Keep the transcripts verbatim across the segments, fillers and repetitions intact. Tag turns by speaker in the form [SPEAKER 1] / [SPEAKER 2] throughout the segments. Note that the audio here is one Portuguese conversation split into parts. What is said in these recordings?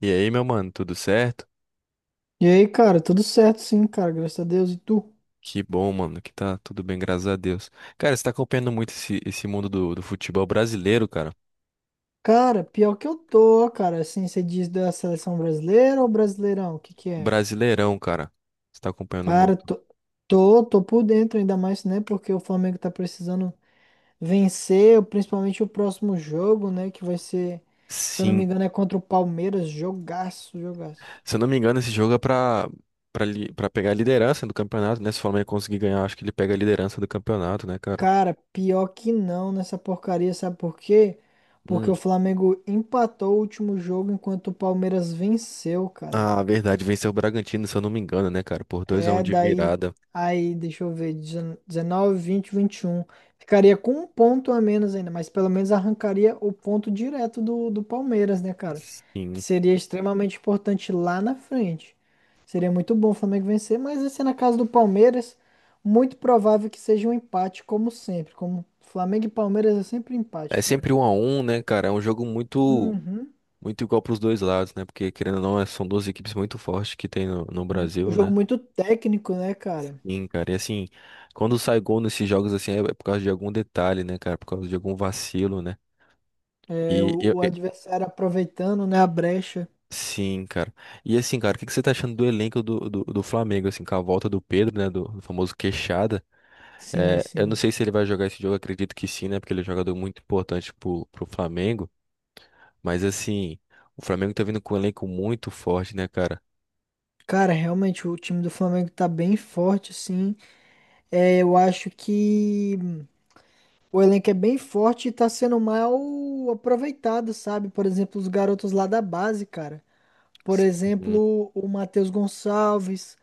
[SPEAKER 1] E aí, meu mano, tudo certo?
[SPEAKER 2] E aí, cara, tudo certo sim, cara, graças a Deus. E tu?
[SPEAKER 1] Que bom, mano, que tá tudo bem, graças a Deus. Cara, você tá acompanhando muito esse, esse mundo do, do futebol brasileiro, cara.
[SPEAKER 2] Cara, pior que eu tô, cara, assim, você diz da seleção brasileira ou brasileirão? O que que é?
[SPEAKER 1] Brasileirão, cara. Você tá acompanhando
[SPEAKER 2] Cara,
[SPEAKER 1] muito.
[SPEAKER 2] tô, tô, tô por dentro ainda mais, né, porque o Flamengo tá precisando vencer, principalmente o próximo jogo, né, que vai ser, se eu não me
[SPEAKER 1] Sim.
[SPEAKER 2] engano, é contra o Palmeiras, jogaço, jogaço.
[SPEAKER 1] Se eu não me engano, esse jogo é pra, pra, li- pra pegar a liderança do campeonato, né? Se o Flamengo conseguir ganhar, acho que ele pega a liderança do campeonato, né, cara?
[SPEAKER 2] Cara, pior que não nessa porcaria, sabe por quê? Porque
[SPEAKER 1] Hum.
[SPEAKER 2] o Flamengo empatou o último jogo enquanto o Palmeiras venceu, cara.
[SPEAKER 1] Ah, verdade, venceu o Bragantino, se eu não me engano, né, cara? Por dois a um
[SPEAKER 2] É,
[SPEAKER 1] de
[SPEAKER 2] daí,
[SPEAKER 1] virada.
[SPEAKER 2] aí, deixa eu ver, dezenove, vinte, vinte e um. Ficaria com um ponto a menos ainda, mas pelo menos arrancaria o ponto direto do, do Palmeiras, né, cara? Que
[SPEAKER 1] Sim.
[SPEAKER 2] seria extremamente importante lá na frente. Seria muito bom o Flamengo vencer, mas assim, na casa do Palmeiras, muito provável que seja um empate, como sempre. Como Flamengo e Palmeiras é sempre empate,
[SPEAKER 1] É
[SPEAKER 2] cara.
[SPEAKER 1] sempre um a um, né, cara? É um jogo muito.
[SPEAKER 2] Uhum.
[SPEAKER 1] Muito igual para os dois lados, né? Porque, querendo ou não, é- são duas equipes muito fortes que tem no, no
[SPEAKER 2] Um
[SPEAKER 1] Brasil,
[SPEAKER 2] jogo
[SPEAKER 1] né?
[SPEAKER 2] muito técnico, né, cara?
[SPEAKER 1] Sim, cara. E assim, quando sai gol nesses jogos, assim, é é por causa de algum detalhe, né, cara? Por causa de algum vacilo, né?
[SPEAKER 2] É,
[SPEAKER 1] E eu.
[SPEAKER 2] o, o
[SPEAKER 1] e-
[SPEAKER 2] adversário aproveitando, né, a brecha.
[SPEAKER 1] Sim, cara. E assim, cara, o que que você tá achando do elenco do, do, do Flamengo, assim, com a volta do Pedro, né? Do, do famoso Queixada.
[SPEAKER 2] Sim,
[SPEAKER 1] É, eu não
[SPEAKER 2] sim.
[SPEAKER 1] sei se ele vai jogar esse jogo, acredito que sim, né? Porque ele é um jogador muito importante pro, pro Flamengo. Mas assim, o Flamengo tá vindo com um elenco muito forte, né, cara?
[SPEAKER 2] Cara, realmente o time do Flamengo tá bem forte, sim. É, eu acho que o elenco é bem forte e tá sendo mal aproveitado, sabe? Por exemplo, os garotos lá da base, cara. Por
[SPEAKER 1] Sim,
[SPEAKER 2] exemplo, o Matheus Gonçalves,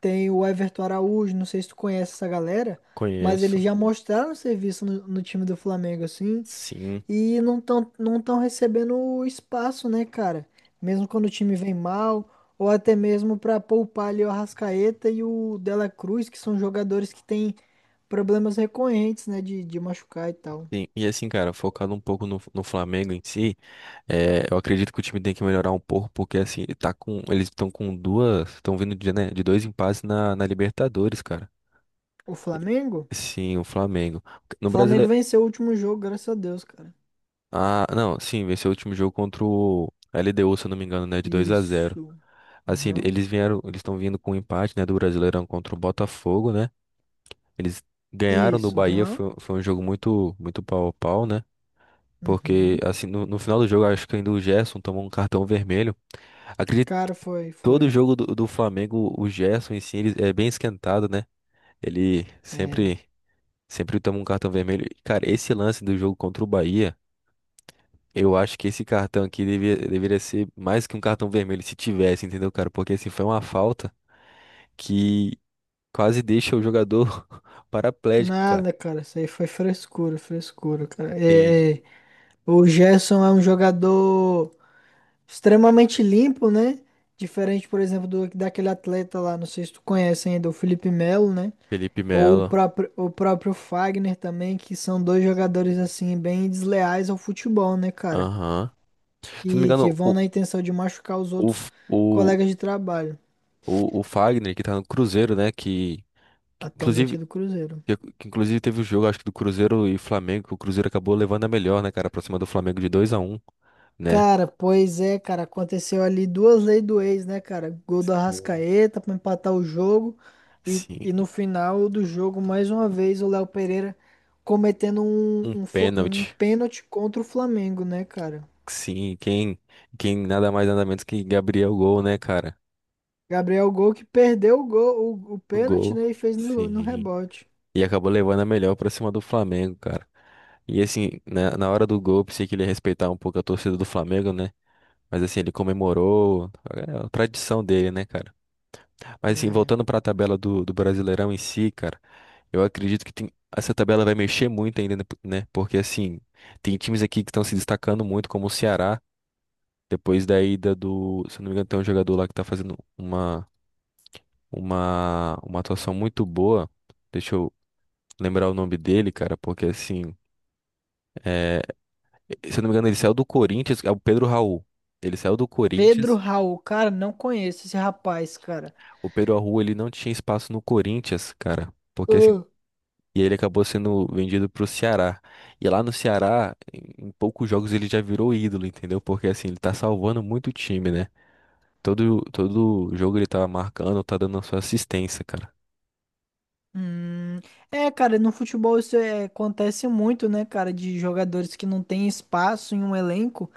[SPEAKER 2] tem o Everton Araújo, não sei se tu conhece essa galera, mas
[SPEAKER 1] conheço.
[SPEAKER 2] eles já mostraram serviço no, no time do Flamengo, assim.
[SPEAKER 1] Sim,
[SPEAKER 2] E não estão não estão recebendo o espaço, né, cara? Mesmo quando o time vem mal, ou até mesmo para poupar ali o Arrascaeta e o Dela Cruz, que são jogadores que têm problemas recorrentes, né, de, de machucar e tal.
[SPEAKER 1] sim. E assim, cara, focado um pouco no, no Flamengo em si, é, eu acredito que o time tem que melhorar um pouco, porque assim, ele tá com, eles estão com duas, estão vindo de, né, de dois empates na, na Libertadores, cara.
[SPEAKER 2] O
[SPEAKER 1] E-
[SPEAKER 2] Flamengo?
[SPEAKER 1] Sim, o Flamengo.
[SPEAKER 2] O
[SPEAKER 1] No
[SPEAKER 2] Flamengo
[SPEAKER 1] Brasileiro.
[SPEAKER 2] venceu o último jogo, graças a Deus, cara.
[SPEAKER 1] Ah, não, sim, venceu o último jogo contra o L D U, se eu não me engano, né, de dois a zero.
[SPEAKER 2] Isso.
[SPEAKER 1] Assim, ele-
[SPEAKER 2] Aham.
[SPEAKER 1] eles vieram, eles estão vindo com um empate, né, do Brasileirão contra o Botafogo, né? Eles ganharam do
[SPEAKER 2] Isso,
[SPEAKER 1] Bahia,
[SPEAKER 2] aham.
[SPEAKER 1] foi, foi um jogo muito muito pau a pau, né? Porque,
[SPEAKER 2] Uhum.
[SPEAKER 1] assim, no, no final do jogo, acho que ainda o Gerson tomou um cartão vermelho. Acredito que
[SPEAKER 2] Cara, foi,
[SPEAKER 1] todo
[SPEAKER 2] foi.
[SPEAKER 1] jogo do, do Flamengo, o Gerson em si, ele é bem esquentado, né? Ele
[SPEAKER 2] É.
[SPEAKER 1] sempre, sempre toma um cartão vermelho. E, cara, esse lance do jogo contra o Bahia, eu acho que esse cartão aqui devia, deveria ser mais que um cartão vermelho, se tivesse, entendeu, cara? Porque, assim, foi uma falta que quase deixa o jogador paraplégico, cara.
[SPEAKER 2] Nada, cara. Isso aí foi frescura, frescura, cara.
[SPEAKER 1] Entende?
[SPEAKER 2] É, é. O Gerson é um jogador, extremamente limpo, né? Diferente, por exemplo, do, daquele atleta lá, não sei se tu conhece ainda, o Felipe Melo, né?
[SPEAKER 1] Felipe
[SPEAKER 2] Ou o
[SPEAKER 1] Melo.
[SPEAKER 2] próprio, o próprio Fagner também, que são dois jogadores, assim, bem desleais ao futebol, né, cara?
[SPEAKER 1] Aham. Se não me
[SPEAKER 2] E que
[SPEAKER 1] engano,
[SPEAKER 2] vão
[SPEAKER 1] o,
[SPEAKER 2] na intenção de machucar os
[SPEAKER 1] o,
[SPEAKER 2] outros
[SPEAKER 1] f- o,
[SPEAKER 2] colegas de trabalho.
[SPEAKER 1] O, o Fagner, que tá no Cruzeiro, né? Que, que
[SPEAKER 2] Atualmente
[SPEAKER 1] inclusive,
[SPEAKER 2] é do Cruzeiro.
[SPEAKER 1] que, que inclusive teve o jogo, acho que do Cruzeiro e Flamengo, que o Cruzeiro acabou levando a melhor, né, cara, pra cima do Flamengo de dois a um né?
[SPEAKER 2] Cara, pois é, cara, aconteceu ali duas leis do ex, né, cara? Gol do
[SPEAKER 1] Sim.
[SPEAKER 2] Arrascaeta pra empatar o jogo e,
[SPEAKER 1] Sim,
[SPEAKER 2] e no final do jogo, mais uma vez, o Léo Pereira cometendo um,
[SPEAKER 1] um
[SPEAKER 2] um, fla- um
[SPEAKER 1] pênalti.
[SPEAKER 2] pênalti contra o Flamengo, né, cara?
[SPEAKER 1] Sim, quem, quem nada mais nada menos que Gabriel Gol, né, cara?
[SPEAKER 2] Gabriel Gol que perdeu o gol, o, o
[SPEAKER 1] O
[SPEAKER 2] pênalti,
[SPEAKER 1] gol.
[SPEAKER 2] né, e fez no, no
[SPEAKER 1] Sim.
[SPEAKER 2] rebote.
[SPEAKER 1] E acabou levando a melhor pra cima do Flamengo, cara. E assim, na, na hora do gol, eu pensei que ele ia respeitar um pouco a torcida do Flamengo, né? Mas assim, ele comemorou. É a tradição dele, né, cara? Mas assim,
[SPEAKER 2] É.
[SPEAKER 1] voltando para a tabela do, do Brasileirão em si, cara, eu acredito que tem- essa tabela vai mexer muito ainda, né? né? Porque assim, tem times aqui que estão se destacando muito, como o Ceará, depois da ida do, se eu não me engano, tem um jogador lá que tá fazendo uma uma uma atuação muito boa. Deixa eu lembrar o nome dele, cara, porque assim, é, se eu não me engano, ele saiu do Corinthians, é o Pedro Raul. Ele saiu do
[SPEAKER 2] Pedro
[SPEAKER 1] Corinthians.
[SPEAKER 2] Raul, cara, não conheço esse rapaz, cara.
[SPEAKER 1] O Pedro Raul, ele não tinha espaço no Corinthians, cara. Porque assim, e ele acabou sendo vendido pro Ceará. E lá no Ceará, em em poucos jogos ele já virou ídolo, entendeu? Porque assim, ele tá salvando muito o time, né? Todo, todo jogo ele tá marcando, tá dando a sua assistência, cara.
[SPEAKER 2] Hum, é, cara, no futebol isso é- acontece muito, né, cara, de jogadores que não têm espaço em um elenco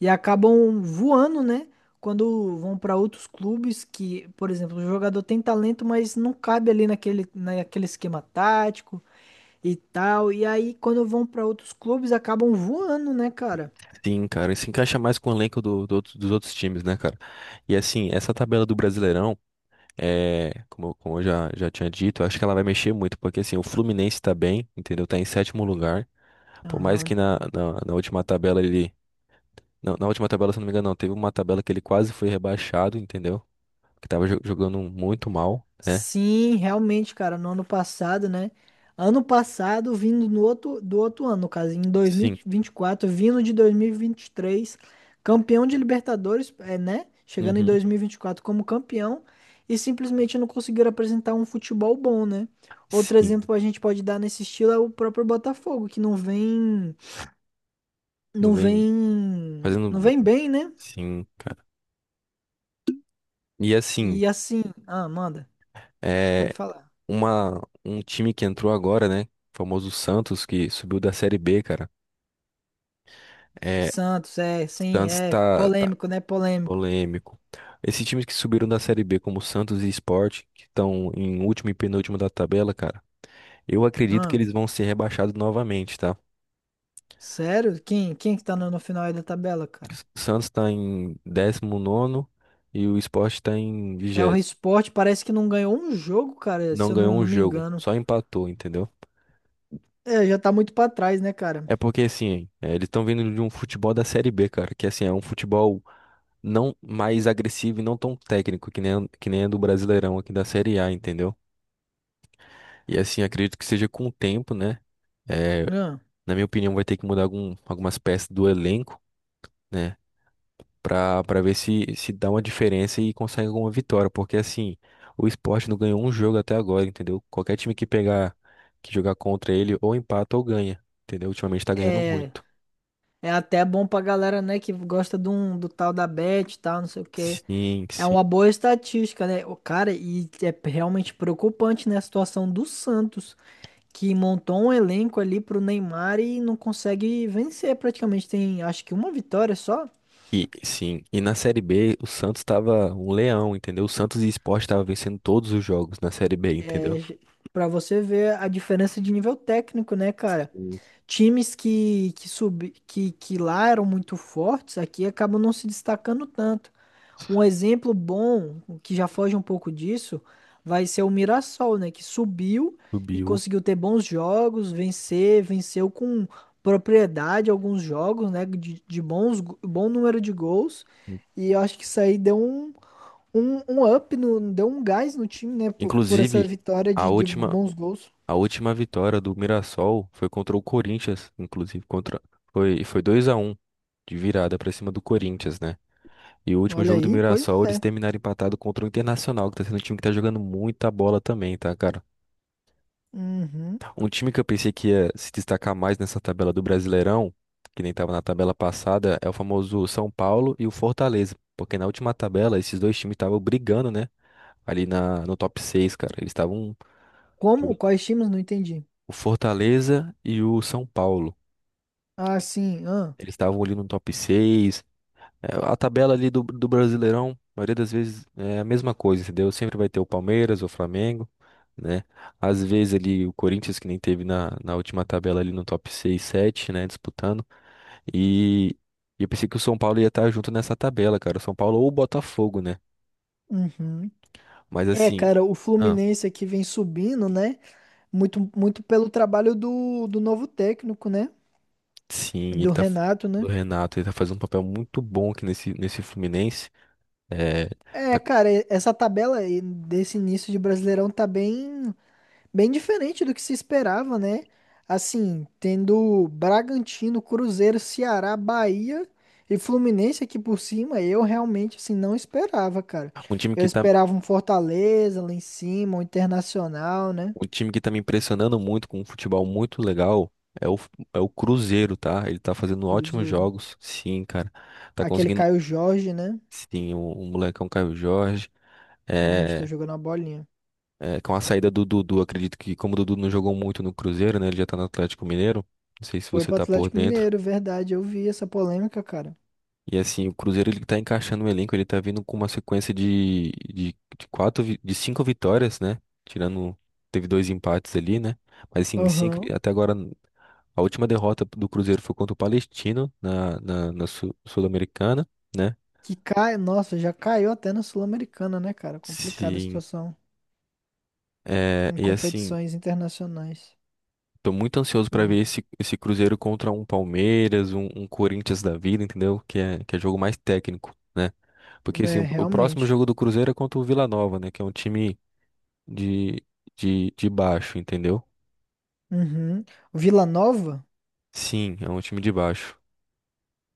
[SPEAKER 2] e acabam voando, né, quando vão para outros clubes que, por exemplo, o jogador tem talento, mas não cabe ali naquele, naquele esquema tático e tal, e aí quando vão para outros clubes acabam voando, né, cara?
[SPEAKER 1] Sim, cara, e se encaixa mais com o elenco do- do outro- dos outros times, né, cara? E assim, essa tabela do Brasileirão, é, como, eu- como eu já, já tinha dito, eu acho que ela vai mexer muito, porque assim, o Fluminense tá bem, entendeu? Tá em sétimo lugar. Por mais
[SPEAKER 2] Aham.
[SPEAKER 1] que na, na na última tabela ele. Não, na última tabela, se eu não me engano, não. Teve uma tabela que ele quase foi rebaixado, entendeu? Que tava jo- jogando muito mal, né?
[SPEAKER 2] Sim, realmente, cara, no ano passado, né? Ano passado, vindo no outro, do outro ano, no caso, em dois mil
[SPEAKER 1] Sim.
[SPEAKER 2] e vinte e quatro vindo de dois mil e vinte e três campeão de Libertadores, é, né? Chegando em
[SPEAKER 1] Uhum.
[SPEAKER 2] dois mil e vinte e quatro como campeão e simplesmente não conseguiram apresentar um futebol bom, né? Outro exemplo
[SPEAKER 1] Sim.
[SPEAKER 2] que a gente pode dar nesse estilo é o próprio Botafogo, que não vem,
[SPEAKER 1] Não
[SPEAKER 2] não
[SPEAKER 1] vem
[SPEAKER 2] vem, não
[SPEAKER 1] fazendo.
[SPEAKER 2] vem bem, né?
[SPEAKER 1] Sim, cara. E assim,
[SPEAKER 2] E assim, ah, manda, pode
[SPEAKER 1] é
[SPEAKER 2] falar.
[SPEAKER 1] uma, um time que entrou agora, né? O famoso Santos, que subiu da Série B, cara. É,
[SPEAKER 2] Santos, é, sim,
[SPEAKER 1] Santos
[SPEAKER 2] é
[SPEAKER 1] tá, tá
[SPEAKER 2] polêmico, né? Polêmico.
[SPEAKER 1] polêmico. Esses times que subiram da Série B, como Santos e Sport, que estão em último e penúltimo da tabela, cara. Eu acredito que
[SPEAKER 2] Ah,
[SPEAKER 1] eles vão ser rebaixados novamente, tá?
[SPEAKER 2] sério? Quem, quem que tá no, no final aí da tabela, cara?
[SPEAKER 1] Santos está em décimo nono e o Sport está em
[SPEAKER 2] É o Rei
[SPEAKER 1] vigésimo.
[SPEAKER 2] Sport, parece que não ganhou um jogo, cara,
[SPEAKER 1] Não
[SPEAKER 2] se eu não,
[SPEAKER 1] ganhou
[SPEAKER 2] não
[SPEAKER 1] um
[SPEAKER 2] me
[SPEAKER 1] jogo,
[SPEAKER 2] engano.
[SPEAKER 1] só empatou, entendeu?
[SPEAKER 2] É, já tá muito pra trás, né, cara?
[SPEAKER 1] É porque assim, é, eles estão vindo de um futebol da Série B, cara, que assim é um futebol não mais agressivo e não tão técnico que nem que nem é do Brasileirão aqui da Série A, entendeu? E assim, acredito que seja com o tempo, né? É,
[SPEAKER 2] Ah,
[SPEAKER 1] na minha opinião, vai ter que mudar algum, algumas peças do elenco. Né? para para ver se se dá uma diferença e consegue alguma vitória, porque assim, o esporte não ganhou um jogo até agora, entendeu? Qualquer time que pegar, que jogar contra ele, ou empata ou ganha, entendeu? Ultimamente tá ganhando
[SPEAKER 2] é,
[SPEAKER 1] muito.
[SPEAKER 2] é até bom pra galera, né, que gosta de um, do tal da Bet e tal, não sei o quê.
[SPEAKER 1] Sim,
[SPEAKER 2] É
[SPEAKER 1] sim.
[SPEAKER 2] uma boa estatística, né? O cara, e é realmente preocupante, né, a situação do Santos, que montou um elenco ali pro Neymar e não consegue vencer praticamente. Tem, acho que uma vitória só.
[SPEAKER 1] E, sim, e na Série B o Santos tava um leão, entendeu? O Santos e o Sport tava vencendo todos os jogos na Série B, entendeu?
[SPEAKER 2] Pra você ver a diferença de nível técnico, né, cara?
[SPEAKER 1] Sim.
[SPEAKER 2] Times que, que, sub, que, que lá eram muito fortes, aqui acabam não se destacando tanto. Um exemplo bom, que já foge um pouco disso, vai ser o Mirassol, né? Que subiu e
[SPEAKER 1] Subiu.
[SPEAKER 2] conseguiu ter bons jogos, vencer, venceu com propriedade alguns jogos, né? De, de bons, go- bom número de gols. E eu acho que isso aí deu um, um, um up, no, deu um gás no time, né? Por, por essa
[SPEAKER 1] Inclusive,
[SPEAKER 2] vitória
[SPEAKER 1] a
[SPEAKER 2] de, de
[SPEAKER 1] última,
[SPEAKER 2] bons gols.
[SPEAKER 1] A última vitória do Mirassol foi contra o Corinthians, inclusive contra foi foi dois a um de virada pra cima do Corinthians, né? E o último
[SPEAKER 2] Olha
[SPEAKER 1] jogo do
[SPEAKER 2] aí, pois
[SPEAKER 1] Mirassol, eles
[SPEAKER 2] é.
[SPEAKER 1] terminaram empatado contra o Internacional, que tá sendo um time que tá jogando muita bola também, tá, cara?
[SPEAKER 2] Uhum.
[SPEAKER 1] Um time que eu pensei que ia se destacar mais nessa tabela do Brasileirão, que nem tava na tabela passada, é o famoso São Paulo e o Fortaleza, porque na última tabela esses dois times estavam brigando, né? Ali na, no top seis, cara. Eles estavam
[SPEAKER 2] Como?
[SPEAKER 1] jogando
[SPEAKER 2] Quais times? Não entendi.
[SPEAKER 1] o Fortaleza e o São Paulo.
[SPEAKER 2] Ah, sim. Ah.
[SPEAKER 1] Eles estavam ali no top seis. É, a tabela ali do, do Brasileirão, a maioria das vezes é a mesma coisa, entendeu? Sempre vai ter o Palmeiras, o Flamengo, né? Às vezes ali o Corinthians, que nem teve na, na última tabela ali no top seis sete né? Disputando. E, e eu pensei que o São Paulo ia estar junto nessa tabela, cara. O São Paulo ou o Botafogo, né?
[SPEAKER 2] Uhum.
[SPEAKER 1] Mas
[SPEAKER 2] É,
[SPEAKER 1] assim,
[SPEAKER 2] cara, o
[SPEAKER 1] ah,
[SPEAKER 2] Fluminense aqui vem subindo, né? Muito, muito pelo trabalho do, do novo técnico, né?
[SPEAKER 1] sim, ele
[SPEAKER 2] Do
[SPEAKER 1] tá.
[SPEAKER 2] Renato,
[SPEAKER 1] Do
[SPEAKER 2] né?
[SPEAKER 1] Renato, ele tá fazendo um papel muito bom aqui nesse, nesse Fluminense. É,
[SPEAKER 2] É,
[SPEAKER 1] tá-
[SPEAKER 2] cara, e- essa tabela aí desse início de Brasileirão tá bem, Bem diferente do que se esperava, né? Assim, tendo Bragantino, Cruzeiro, Ceará, Bahia e Fluminense aqui por cima, eu realmente assim não esperava, cara.
[SPEAKER 1] um time
[SPEAKER 2] Eu
[SPEAKER 1] que tá.
[SPEAKER 2] esperava um Fortaleza lá em cima, um Internacional, né?
[SPEAKER 1] Um time que tá me impressionando muito com um futebol muito legal é o, é o Cruzeiro, tá? Ele tá fazendo ótimos
[SPEAKER 2] Cruzeiro.
[SPEAKER 1] jogos, sim, cara. Tá
[SPEAKER 2] Aquele
[SPEAKER 1] conseguindo,
[SPEAKER 2] Caio Jorge, né?
[SPEAKER 1] sim, o, o molecão Caio Jorge.
[SPEAKER 2] Realmente tá
[SPEAKER 1] É,
[SPEAKER 2] jogando a bolinha.
[SPEAKER 1] é, com a saída do Dudu, acredito que como o Dudu não jogou muito no Cruzeiro, né? Ele já tá no Atlético Mineiro. Não sei se
[SPEAKER 2] Foi
[SPEAKER 1] você
[SPEAKER 2] pro
[SPEAKER 1] tá por
[SPEAKER 2] Atlético
[SPEAKER 1] dentro.
[SPEAKER 2] Mineiro, verdade. Eu vi essa polêmica, cara.
[SPEAKER 1] E assim, o Cruzeiro ele tá encaixando o elenco, ele tá vindo com uma sequência de, de, de quatro, vi- de cinco vitórias, né? Tirando, teve dois empates ali, né? Mas assim, cinco,
[SPEAKER 2] Aham.
[SPEAKER 1] até agora, a última derrota do Cruzeiro foi contra o Palestino na, na, na Sul- Sul-Americana, né?
[SPEAKER 2] Que cai, nossa, já caiu até na Sul-Americana, né, cara? Complicada a
[SPEAKER 1] Sim,
[SPEAKER 2] situação
[SPEAKER 1] é,
[SPEAKER 2] em
[SPEAKER 1] e assim,
[SPEAKER 2] competições internacionais.
[SPEAKER 1] tô muito ansioso pra
[SPEAKER 2] Ah,
[SPEAKER 1] ver esse, esse Cruzeiro contra um Palmeiras, um, um Corinthians da vida, entendeu? Que é, que é jogo mais técnico, né? Porque assim,
[SPEAKER 2] é,
[SPEAKER 1] o o próximo
[SPEAKER 2] realmente.
[SPEAKER 1] jogo do Cruzeiro é contra o Vila Nova, né? Que é um time de, de, de baixo, entendeu?
[SPEAKER 2] Uhum. Vila Nova?
[SPEAKER 1] Sim, é um time de baixo.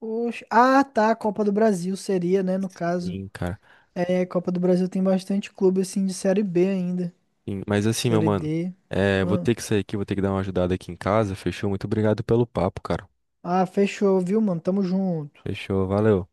[SPEAKER 2] Oxe. Ah, tá. A Copa do Brasil seria, né? No caso.
[SPEAKER 1] Sim, cara.
[SPEAKER 2] É, Copa do Brasil tem bastante clube, assim, de Série B ainda.
[SPEAKER 1] Sim, mas assim, meu
[SPEAKER 2] Série
[SPEAKER 1] mano,
[SPEAKER 2] D.
[SPEAKER 1] é, vou
[SPEAKER 2] Ah,
[SPEAKER 1] ter que sair aqui, vou ter que dar uma ajudada aqui em casa. Fechou? Muito obrigado pelo papo, cara.
[SPEAKER 2] Ah, fechou, viu, mano? Tamo junto.
[SPEAKER 1] Fechou, valeu.